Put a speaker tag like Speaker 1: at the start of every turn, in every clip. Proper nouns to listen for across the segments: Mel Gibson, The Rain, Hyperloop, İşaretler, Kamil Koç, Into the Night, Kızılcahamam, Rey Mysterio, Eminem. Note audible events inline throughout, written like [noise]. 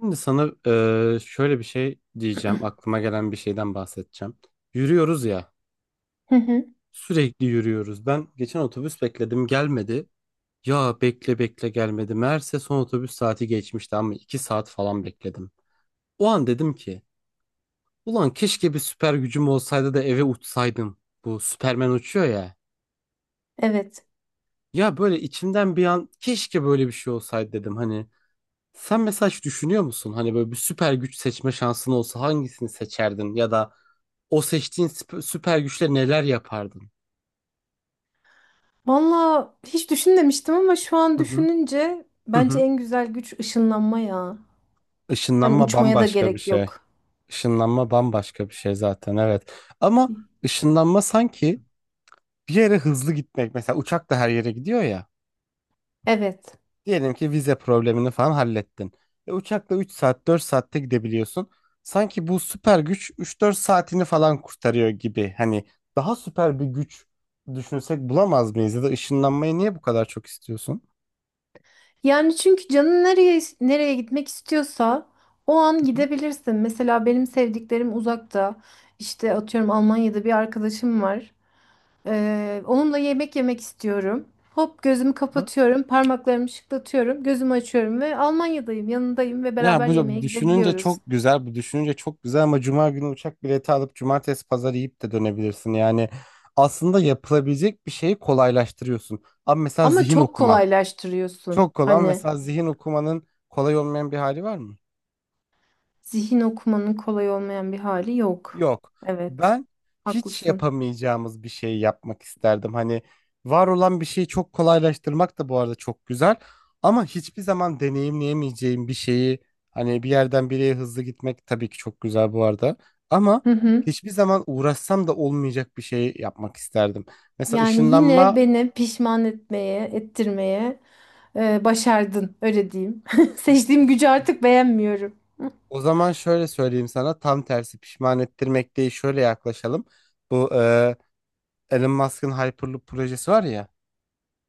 Speaker 1: Şimdi sana şöyle bir şey diyeceğim. Aklıma gelen bir şeyden bahsedeceğim. Yürüyoruz ya.
Speaker 2: Hı hı.
Speaker 1: Sürekli yürüyoruz. Ben geçen otobüs bekledim, gelmedi. Ya bekle bekle gelmedi. Meğerse son otobüs saati geçmişti ama 2 saat falan bekledim. O an dedim ki ulan keşke bir süper gücüm olsaydı da eve uçsaydım. Bu Superman uçuyor ya.
Speaker 2: Evet.
Speaker 1: Ya böyle içimden bir an keşke böyle bir şey olsaydı dedim. Hani, sen mesela hiç düşünüyor musun? Hani böyle bir süper güç seçme şansın olsa hangisini seçerdin? Ya da o seçtiğin süper güçle neler yapardın?
Speaker 2: Valla hiç düşünmemiştim ama şu an
Speaker 1: Hı hı.
Speaker 2: düşününce
Speaker 1: Hı
Speaker 2: bence
Speaker 1: hı.
Speaker 2: en güzel güç ışınlanma ya. Hani
Speaker 1: Işınlanma
Speaker 2: uçmaya da
Speaker 1: bambaşka bir
Speaker 2: gerek
Speaker 1: şey.
Speaker 2: yok.
Speaker 1: Işınlanma bambaşka bir şey zaten, evet. Ama ışınlanma sanki bir yere hızlı gitmek. Mesela uçak da her yere gidiyor ya.
Speaker 2: Evet.
Speaker 1: Diyelim ki vize problemini falan hallettin. Uçakla 3 saat 4 saatte gidebiliyorsun. Sanki bu süper güç üç dört saatini falan kurtarıyor gibi. Hani daha süper bir güç düşünsek bulamaz mıyız? Ya da ışınlanmayı niye bu kadar çok istiyorsun?
Speaker 2: Yani çünkü canın nereye gitmek istiyorsa o an
Speaker 1: Hı hı.
Speaker 2: gidebilirsin. Mesela benim sevdiklerim uzakta. İşte atıyorum Almanya'da bir arkadaşım var. Onunla yemek yemek istiyorum. Hop gözümü
Speaker 1: Hı hı.
Speaker 2: kapatıyorum, parmaklarımı şıklatıyorum, gözümü açıyorum ve Almanya'dayım, yanındayım ve
Speaker 1: Ya
Speaker 2: beraber
Speaker 1: bu
Speaker 2: yemeğe
Speaker 1: düşününce
Speaker 2: gidebiliyoruz.
Speaker 1: çok güzel, bu düşününce çok güzel ama cuma günü uçak bileti alıp cumartesi pazar yiyip de dönebilirsin. Yani aslında yapılabilecek bir şeyi kolaylaştırıyorsun. Ama mesela
Speaker 2: Ama
Speaker 1: zihin
Speaker 2: çok
Speaker 1: okuma.
Speaker 2: kolaylaştırıyorsun.
Speaker 1: Çok kolay.
Speaker 2: Hani
Speaker 1: Mesela zihin okumanın kolay olmayan bir hali var mı?
Speaker 2: zihin okumanın kolay olmayan bir hali yok.
Speaker 1: Yok.
Speaker 2: Evet.
Speaker 1: Ben hiç
Speaker 2: Haklısın.
Speaker 1: yapamayacağımız bir şey yapmak isterdim. Hani var olan bir şeyi çok kolaylaştırmak da bu arada çok güzel. Ama hiçbir zaman deneyimleyemeyeceğim bir şeyi, hani bir yerden bir yere hızlı gitmek tabii ki çok güzel bu arada. Ama
Speaker 2: Hı hı.
Speaker 1: hiçbir zaman uğraşsam da olmayacak bir şey yapmak isterdim. Mesela
Speaker 2: Yani yine
Speaker 1: ışınlanma.
Speaker 2: beni pişman etmeye, ettirmeye başardın. Öyle diyeyim. [laughs] Seçtiğim gücü artık beğenmiyorum.
Speaker 1: O zaman şöyle söyleyeyim sana, tam tersi, pişman ettirmek değil, şöyle yaklaşalım. Bu Elon Musk'ın Hyperloop projesi var ya,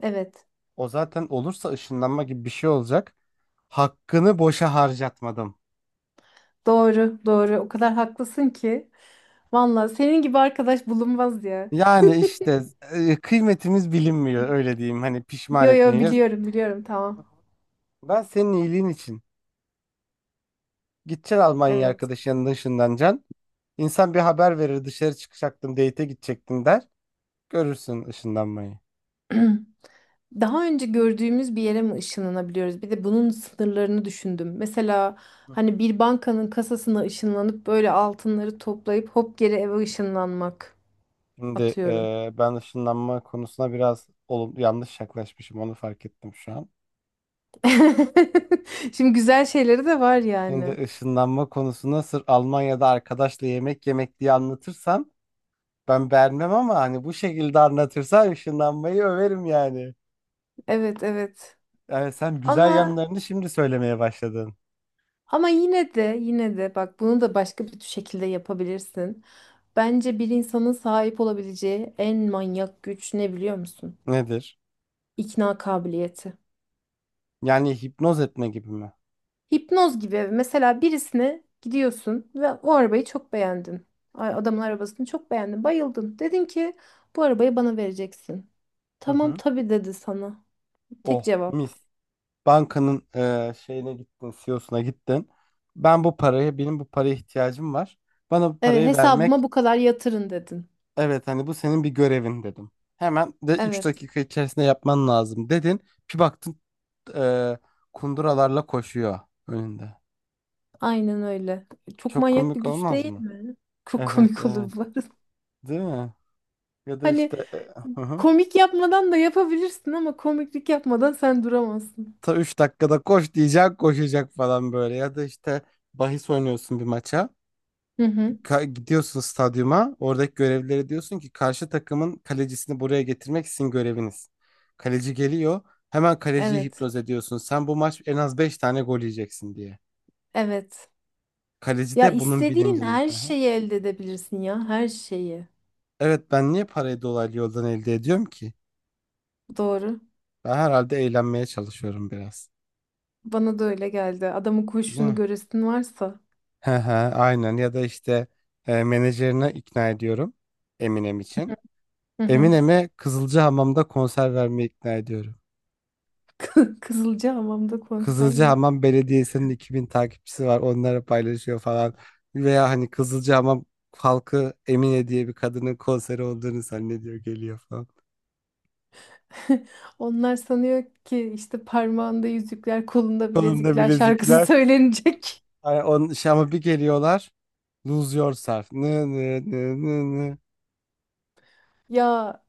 Speaker 2: Evet.
Speaker 1: o zaten olursa ışınlanma gibi bir şey olacak. Hakkını boşa harcatmadım.
Speaker 2: Doğru, doğru. O kadar haklısın ki. Vallahi senin gibi arkadaş bulunmaz ya.
Speaker 1: Yani işte kıymetimiz bilinmiyor, öyle diyeyim, hani
Speaker 2: [laughs]
Speaker 1: pişman
Speaker 2: Yo yo
Speaker 1: etmeyeceğiz.
Speaker 2: biliyorum, biliyorum. Tamam.
Speaker 1: Ben senin iyiliğin için, gideceksin Almanya,
Speaker 2: Evet.
Speaker 1: arkadaşının yanında ışınlanacaksın. İnsan bir haber verir, dışarı çıkacaktım, date'e gidecektim der. Görürsün ışınlanmayı.
Speaker 2: [clears throat] Daha önce gördüğümüz bir yere mi ışınlanabiliyoruz? Bir de bunun sınırlarını düşündüm. Mesela hani bir bankanın kasasına ışınlanıp böyle altınları toplayıp hop geri eve ışınlanmak
Speaker 1: Şimdi
Speaker 2: atıyorum.
Speaker 1: ben ışınlanma konusuna biraz yanlış yaklaşmışım, onu fark ettim şu an.
Speaker 2: [laughs] Şimdi güzel şeyleri de var
Speaker 1: Şimdi
Speaker 2: yani.
Speaker 1: ışınlanma konusuna sırf Almanya'da arkadaşla yemek yemek diye anlatırsam ben beğenmem ama hani bu şekilde anlatırsan ışınlanmayı överim yani.
Speaker 2: Evet evet.
Speaker 1: Yani sen güzel
Speaker 2: Ama
Speaker 1: yanlarını şimdi söylemeye başladın.
Speaker 2: ama yine de bak bunu da başka bir şekilde yapabilirsin. Bence bir insanın sahip olabileceği en manyak güç ne biliyor musun?
Speaker 1: Nedir?
Speaker 2: İkna kabiliyeti.
Speaker 1: Yani hipnoz etme gibi mi?
Speaker 2: Hipnoz gibi mesela birisine gidiyorsun ve o arabayı çok beğendin. Ay, adamın arabasını çok beğendin, bayıldın. Dedin ki bu arabayı bana vereceksin.
Speaker 1: Hı
Speaker 2: Tamam
Speaker 1: hı.
Speaker 2: tabii dedi sana. Tek
Speaker 1: Oh,
Speaker 2: cevap.
Speaker 1: mis. Bankanın şeyine gittin, CEO'suna gittin. Ben bu parayı, benim bu paraya ihtiyacım var. Bana bu
Speaker 2: Evet,
Speaker 1: parayı vermek.
Speaker 2: hesabıma bu kadar yatırın dedin.
Speaker 1: Evet, hani bu senin bir görevin, dedim. Hemen de üç
Speaker 2: Evet,
Speaker 1: dakika içerisinde yapman lazım, dedin. Bir baktın e, kunduralarla koşuyor önünde.
Speaker 2: aynen öyle. Çok
Speaker 1: Çok
Speaker 2: manyak bir
Speaker 1: komik
Speaker 2: güç
Speaker 1: olmaz
Speaker 2: değil.
Speaker 1: mı?
Speaker 2: Çok
Speaker 1: Evet,
Speaker 2: komik
Speaker 1: evet,
Speaker 2: olur bu arada. [laughs]
Speaker 1: değil mi? Ya da
Speaker 2: Hani
Speaker 1: işte hı hı.
Speaker 2: komik yapmadan da yapabilirsin ama komiklik yapmadan sen duramazsın.
Speaker 1: Ta 3 dakikada koş diyecek, koşacak falan böyle. Ya da işte bahis oynuyorsun bir maça.
Speaker 2: Hı hı.
Speaker 1: Gidiyorsun stadyuma. Oradaki görevlilere diyorsun ki karşı takımın kalecisini buraya getirmek sizin göreviniz. Kaleci geliyor. Hemen kaleciyi
Speaker 2: Evet.
Speaker 1: hipnoz ediyorsun. Sen bu maç en az 5 tane gol yiyeceksin diye.
Speaker 2: Evet.
Speaker 1: Kaleci
Speaker 2: Ya
Speaker 1: de bunun
Speaker 2: istediğin
Speaker 1: bilincin.
Speaker 2: her
Speaker 1: Hı hı.
Speaker 2: şeyi elde edebilirsin ya, her şeyi.
Speaker 1: Evet, ben niye parayı dolaylı yoldan elde ediyorum ki?
Speaker 2: Doğru.
Speaker 1: Ben herhalde eğlenmeye çalışıyorum biraz.
Speaker 2: Bana da öyle geldi. Adamın
Speaker 1: Değil
Speaker 2: koşuşunu
Speaker 1: mi?
Speaker 2: göresin varsa.
Speaker 1: Hı hı, aynen. Ya da işte menajerine ikna ediyorum Eminem için.
Speaker 2: Hı hı.
Speaker 1: Eminem'e Kızılcahamam'da konser vermeye ikna ediyorum.
Speaker 2: [laughs] Kızılcahamam'da konser mi?
Speaker 1: Kızılcahamam Belediyesi'nin 2000 takipçisi var. Onlara paylaşıyor falan. Veya hani Kızılcahamam halkı Emine diye bir kadının konseri olduğunu zannediyor, geliyor falan.
Speaker 2: [laughs] Onlar sanıyor ki işte parmağında yüzükler, kolunda
Speaker 1: Kolunda
Speaker 2: bilezikler şarkısı
Speaker 1: bilezikler.
Speaker 2: söylenecek. [laughs]
Speaker 1: Hani onun şey, ama bir geliyorlar. Lose Yourself. Nı nı nı nı nı.
Speaker 2: Ya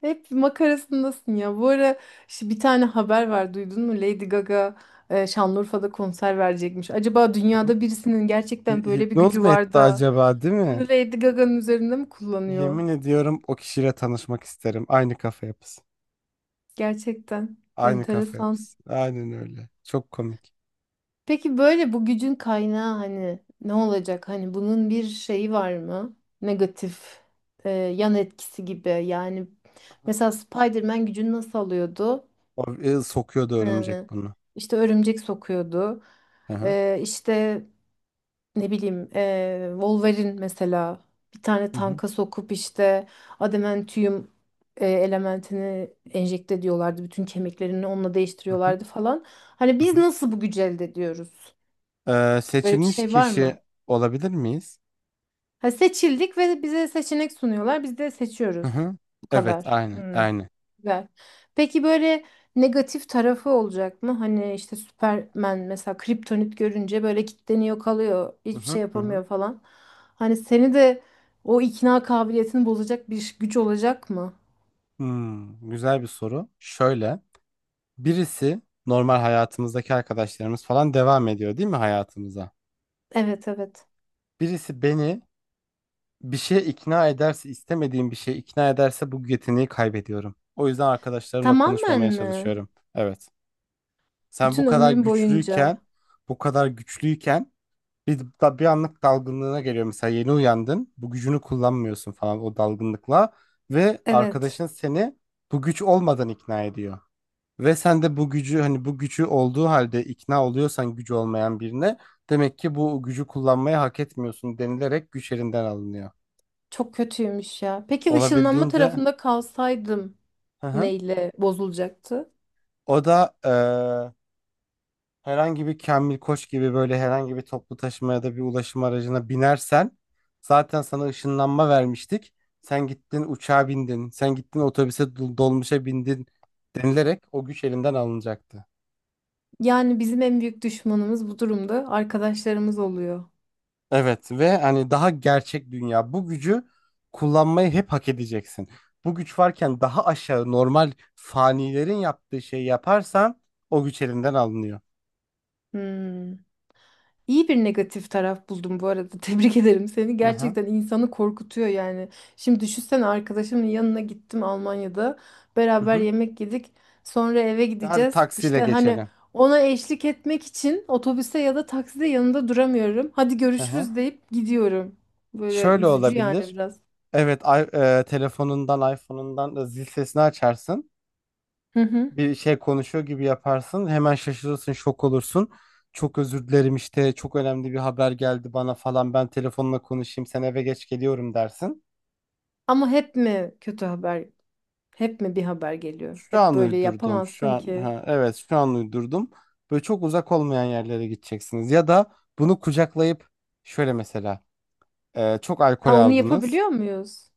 Speaker 2: hep makarasındasın ya. Bu ara işte bir tane haber var, duydun mu? Lady Gaga Şanlıurfa'da konser verecekmiş. Acaba
Speaker 1: Hı hı.
Speaker 2: dünyada birisinin gerçekten böyle bir
Speaker 1: Hipnoz
Speaker 2: gücü
Speaker 1: mu
Speaker 2: var
Speaker 1: etti
Speaker 2: da
Speaker 1: acaba, değil
Speaker 2: bunu
Speaker 1: mi?
Speaker 2: Lady Gaga'nın üzerinde mi kullanıyor?
Speaker 1: Yemin ediyorum o kişiyle tanışmak isterim. Aynı kafa yapısı.
Speaker 2: Gerçekten
Speaker 1: Aynı kafa
Speaker 2: enteresan.
Speaker 1: yapısı. Aynen öyle. Çok komik.
Speaker 2: Peki böyle bu gücün kaynağı hani ne olacak? Hani bunun bir şeyi var mı? Negatif yan etkisi gibi. Yani mesela Spider-Man gücünü nasıl alıyordu?
Speaker 1: O, sokuyordu
Speaker 2: Ee,
Speaker 1: örümcek bunu.
Speaker 2: işte örümcek sokuyordu.
Speaker 1: Hı hı.
Speaker 2: İşte ne bileyim Wolverine mesela bir tane
Speaker 1: Hı hı.
Speaker 2: tanka sokup işte adamantium elementini enjekte ediyorlardı. Bütün kemiklerini onunla
Speaker 1: Hı hı.
Speaker 2: değiştiriyorlardı falan. Hani
Speaker 1: Hı
Speaker 2: biz
Speaker 1: hı.
Speaker 2: nasıl bu gücü elde ediyoruz? Böyle bir
Speaker 1: Seçilmiş
Speaker 2: şey var
Speaker 1: kişi
Speaker 2: mı?
Speaker 1: olabilir miyiz?
Speaker 2: Ha, seçildik ve bize seçenek sunuyorlar. Biz de
Speaker 1: Hı
Speaker 2: seçiyoruz.
Speaker 1: hı.
Speaker 2: Bu
Speaker 1: Evet,
Speaker 2: kadar.
Speaker 1: aynı,
Speaker 2: Hmm.
Speaker 1: aynı.
Speaker 2: Güzel. Peki böyle negatif tarafı olacak mı? Hani işte Superman mesela kriptonit görünce böyle kilitleniyor kalıyor.
Speaker 1: Hı
Speaker 2: Hiçbir
Speaker 1: hı,
Speaker 2: şey
Speaker 1: hı hı.
Speaker 2: yapamıyor falan. Hani seni de o ikna kabiliyetini bozacak bir güç olacak mı?
Speaker 1: Güzel bir soru. Şöyle, birisi, normal hayatımızdaki arkadaşlarımız falan devam ediyor değil mi hayatımıza?
Speaker 2: Evet evet.
Speaker 1: Birisi beni bir şeye ikna ederse, istemediğim bir şeye ikna ederse bu yeteneği kaybediyorum. O yüzden arkadaşlarımla
Speaker 2: Tamamen
Speaker 1: konuşmamaya
Speaker 2: mi?
Speaker 1: çalışıyorum. Evet. Sen bu
Speaker 2: Bütün
Speaker 1: kadar
Speaker 2: ömrüm boyunca.
Speaker 1: güçlüyken, bu kadar güçlüyken, bir anlık dalgınlığına geliyor. Mesela yeni uyandın. Bu gücünü kullanmıyorsun falan o dalgınlıkla. Ve
Speaker 2: Evet.
Speaker 1: arkadaşın seni bu güç olmadan ikna ediyor. Ve sen de bu gücü, hani bu gücü olduğu halde ikna oluyorsan, gücü olmayan birine demek ki bu gücü kullanmayı hak etmiyorsun denilerek güç elinden alınıyor.
Speaker 2: Çok kötüymüş ya. Peki ışınlanma
Speaker 1: Olabildiğince,
Speaker 2: tarafında kalsaydım
Speaker 1: hı hı.
Speaker 2: neyle bozulacaktı?
Speaker 1: O da, herhangi bir Kamil Koç gibi, böyle herhangi bir toplu taşıma ya da bir ulaşım aracına binersen zaten sana ışınlanma vermiştik. Sen gittin uçağa bindin, sen gittin otobüse, dolmuşa bindin denilerek o güç elinden alınacaktı.
Speaker 2: Yani bizim en büyük düşmanımız bu durumda arkadaşlarımız oluyor.
Speaker 1: Evet, ve hani, daha gerçek dünya, bu gücü kullanmayı hep hak edeceksin. Bu güç varken daha aşağı, normal fanilerin yaptığı şeyi yaparsan o güç elinden alınıyor.
Speaker 2: Hmm. İyi bir negatif taraf buldum bu arada. [laughs] Tebrik ederim seni.
Speaker 1: Aha.
Speaker 2: Gerçekten insanı korkutuyor yani. Şimdi düşünsene arkadaşımın yanına gittim Almanya'da.
Speaker 1: Hı
Speaker 2: Beraber
Speaker 1: hı.
Speaker 2: yemek yedik. Sonra eve
Speaker 1: Hadi
Speaker 2: gideceğiz.
Speaker 1: taksiyle
Speaker 2: İşte hani
Speaker 1: geçelim.
Speaker 2: ona eşlik etmek için otobüste ya da takside yanında duramıyorum. Hadi görüşürüz
Speaker 1: Aha.
Speaker 2: deyip gidiyorum. Böyle
Speaker 1: Şöyle
Speaker 2: üzücü yani
Speaker 1: olabilir.
Speaker 2: biraz.
Speaker 1: Evet, telefonundan, iPhone'undan da zil sesini açarsın.
Speaker 2: Hı hı.
Speaker 1: Bir şey konuşuyor gibi yaparsın. Hemen şaşırırsın, şok olursun. Çok özür dilerim, işte çok önemli bir haber geldi bana falan. Ben telefonla konuşayım, sen eve geç geliyorum dersin.
Speaker 2: Ama hep mi kötü haber? Hep mi bir haber geliyor?
Speaker 1: Şu
Speaker 2: Hep
Speaker 1: an
Speaker 2: böyle
Speaker 1: uydurdum. Şu
Speaker 2: yapamazsın
Speaker 1: an,
Speaker 2: ki.
Speaker 1: ha, evet, şu an uydurdum. Böyle çok uzak olmayan yerlere gideceksiniz ya da bunu kucaklayıp, şöyle mesela, çok alkol
Speaker 2: Ha, onu
Speaker 1: aldınız.
Speaker 2: yapabiliyor muyuz?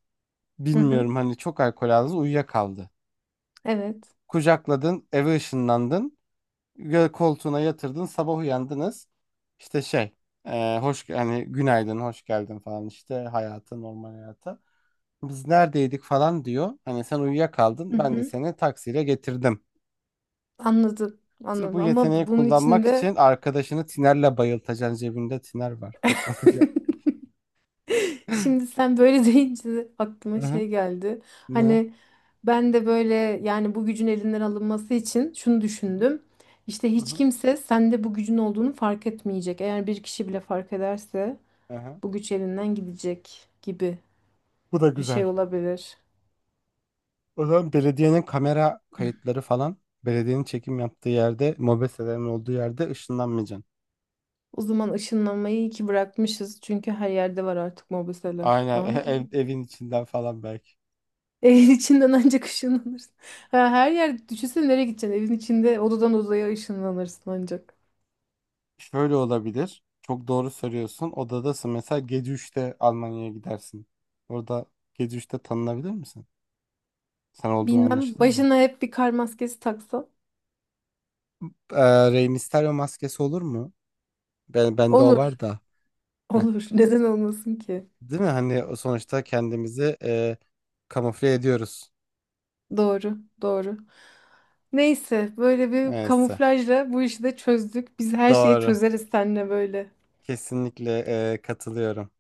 Speaker 2: Hı hı.
Speaker 1: Bilmiyorum, hani çok alkol aldınız, uyuyakaldı.
Speaker 2: Evet.
Speaker 1: Kucakladın, eve ışınlandın. Koltuğuna yatırdın, sabah uyandınız. İşte şey, hoş yani, günaydın, hoş geldin falan, işte hayata, normal hayata, biz neredeydik falan diyor, hani sen
Speaker 2: Hı
Speaker 1: uyuyakaldın ben de
Speaker 2: hı.
Speaker 1: seni taksiyle getirdim.
Speaker 2: Anladım.
Speaker 1: Sırf
Speaker 2: Anladım.
Speaker 1: bu
Speaker 2: Ama
Speaker 1: yeteneği
Speaker 2: bunun
Speaker 1: kullanmak
Speaker 2: içinde
Speaker 1: için arkadaşını tinerle bayıltacaksın, cebinde tiner var, koklatacaksın.
Speaker 2: [laughs] şimdi sen böyle [laughs] deyince
Speaker 1: Hı
Speaker 2: aklıma
Speaker 1: hı.
Speaker 2: şey geldi.
Speaker 1: Ne.
Speaker 2: Hani ben de böyle yani bu gücün elinden alınması için şunu
Speaker 1: Hı hı.
Speaker 2: düşündüm. İşte
Speaker 1: Hı
Speaker 2: hiç
Speaker 1: hı.
Speaker 2: kimse sende bu gücün olduğunu fark etmeyecek. Eğer bir kişi bile fark ederse
Speaker 1: Hı hı.
Speaker 2: bu güç elinden gidecek gibi
Speaker 1: Bu da
Speaker 2: bir şey
Speaker 1: güzel.
Speaker 2: olabilir.
Speaker 1: O zaman belediyenin kamera kayıtları falan, belediyenin çekim yaptığı yerde, mobeselerin olduğu yerde ışınlanmayacaksın.
Speaker 2: O zaman ışınlanmayı iyi ki bırakmışız. Çünkü her yerde var artık mobeseler.
Speaker 1: Aynen.
Speaker 2: Aa. [laughs]
Speaker 1: [laughs] Evin içinden falan belki.
Speaker 2: Evin içinden ancak ışınlanırsın. Ha, her yer düşünsene nereye gideceksin? Evin içinde odadan odaya ışınlanırsın ancak.
Speaker 1: Şöyle olabilir. Çok doğru söylüyorsun. Odadasın. Mesela gece 3'te Almanya'ya gidersin. Orada gece 3'te tanınabilir misin? Sen olduğun
Speaker 2: Bilmem
Speaker 1: anlaşılır mı?
Speaker 2: başına hep bir kar maskesi taksa.
Speaker 1: Rey Mysterio maskesi olur mu? Bende o var
Speaker 2: Olur.
Speaker 1: da. Heh.
Speaker 2: Olur. [laughs] Neden olmasın ki?
Speaker 1: Değil mi? Hani o sonuçta kendimizi kamufle ediyoruz.
Speaker 2: Doğru. Doğru. Neyse böyle bir
Speaker 1: Neyse.
Speaker 2: kamuflajla bu işi de çözdük. Biz her şeyi
Speaker 1: Doğru.
Speaker 2: çözeriz seninle böyle.
Speaker 1: Kesinlikle katılıyorum.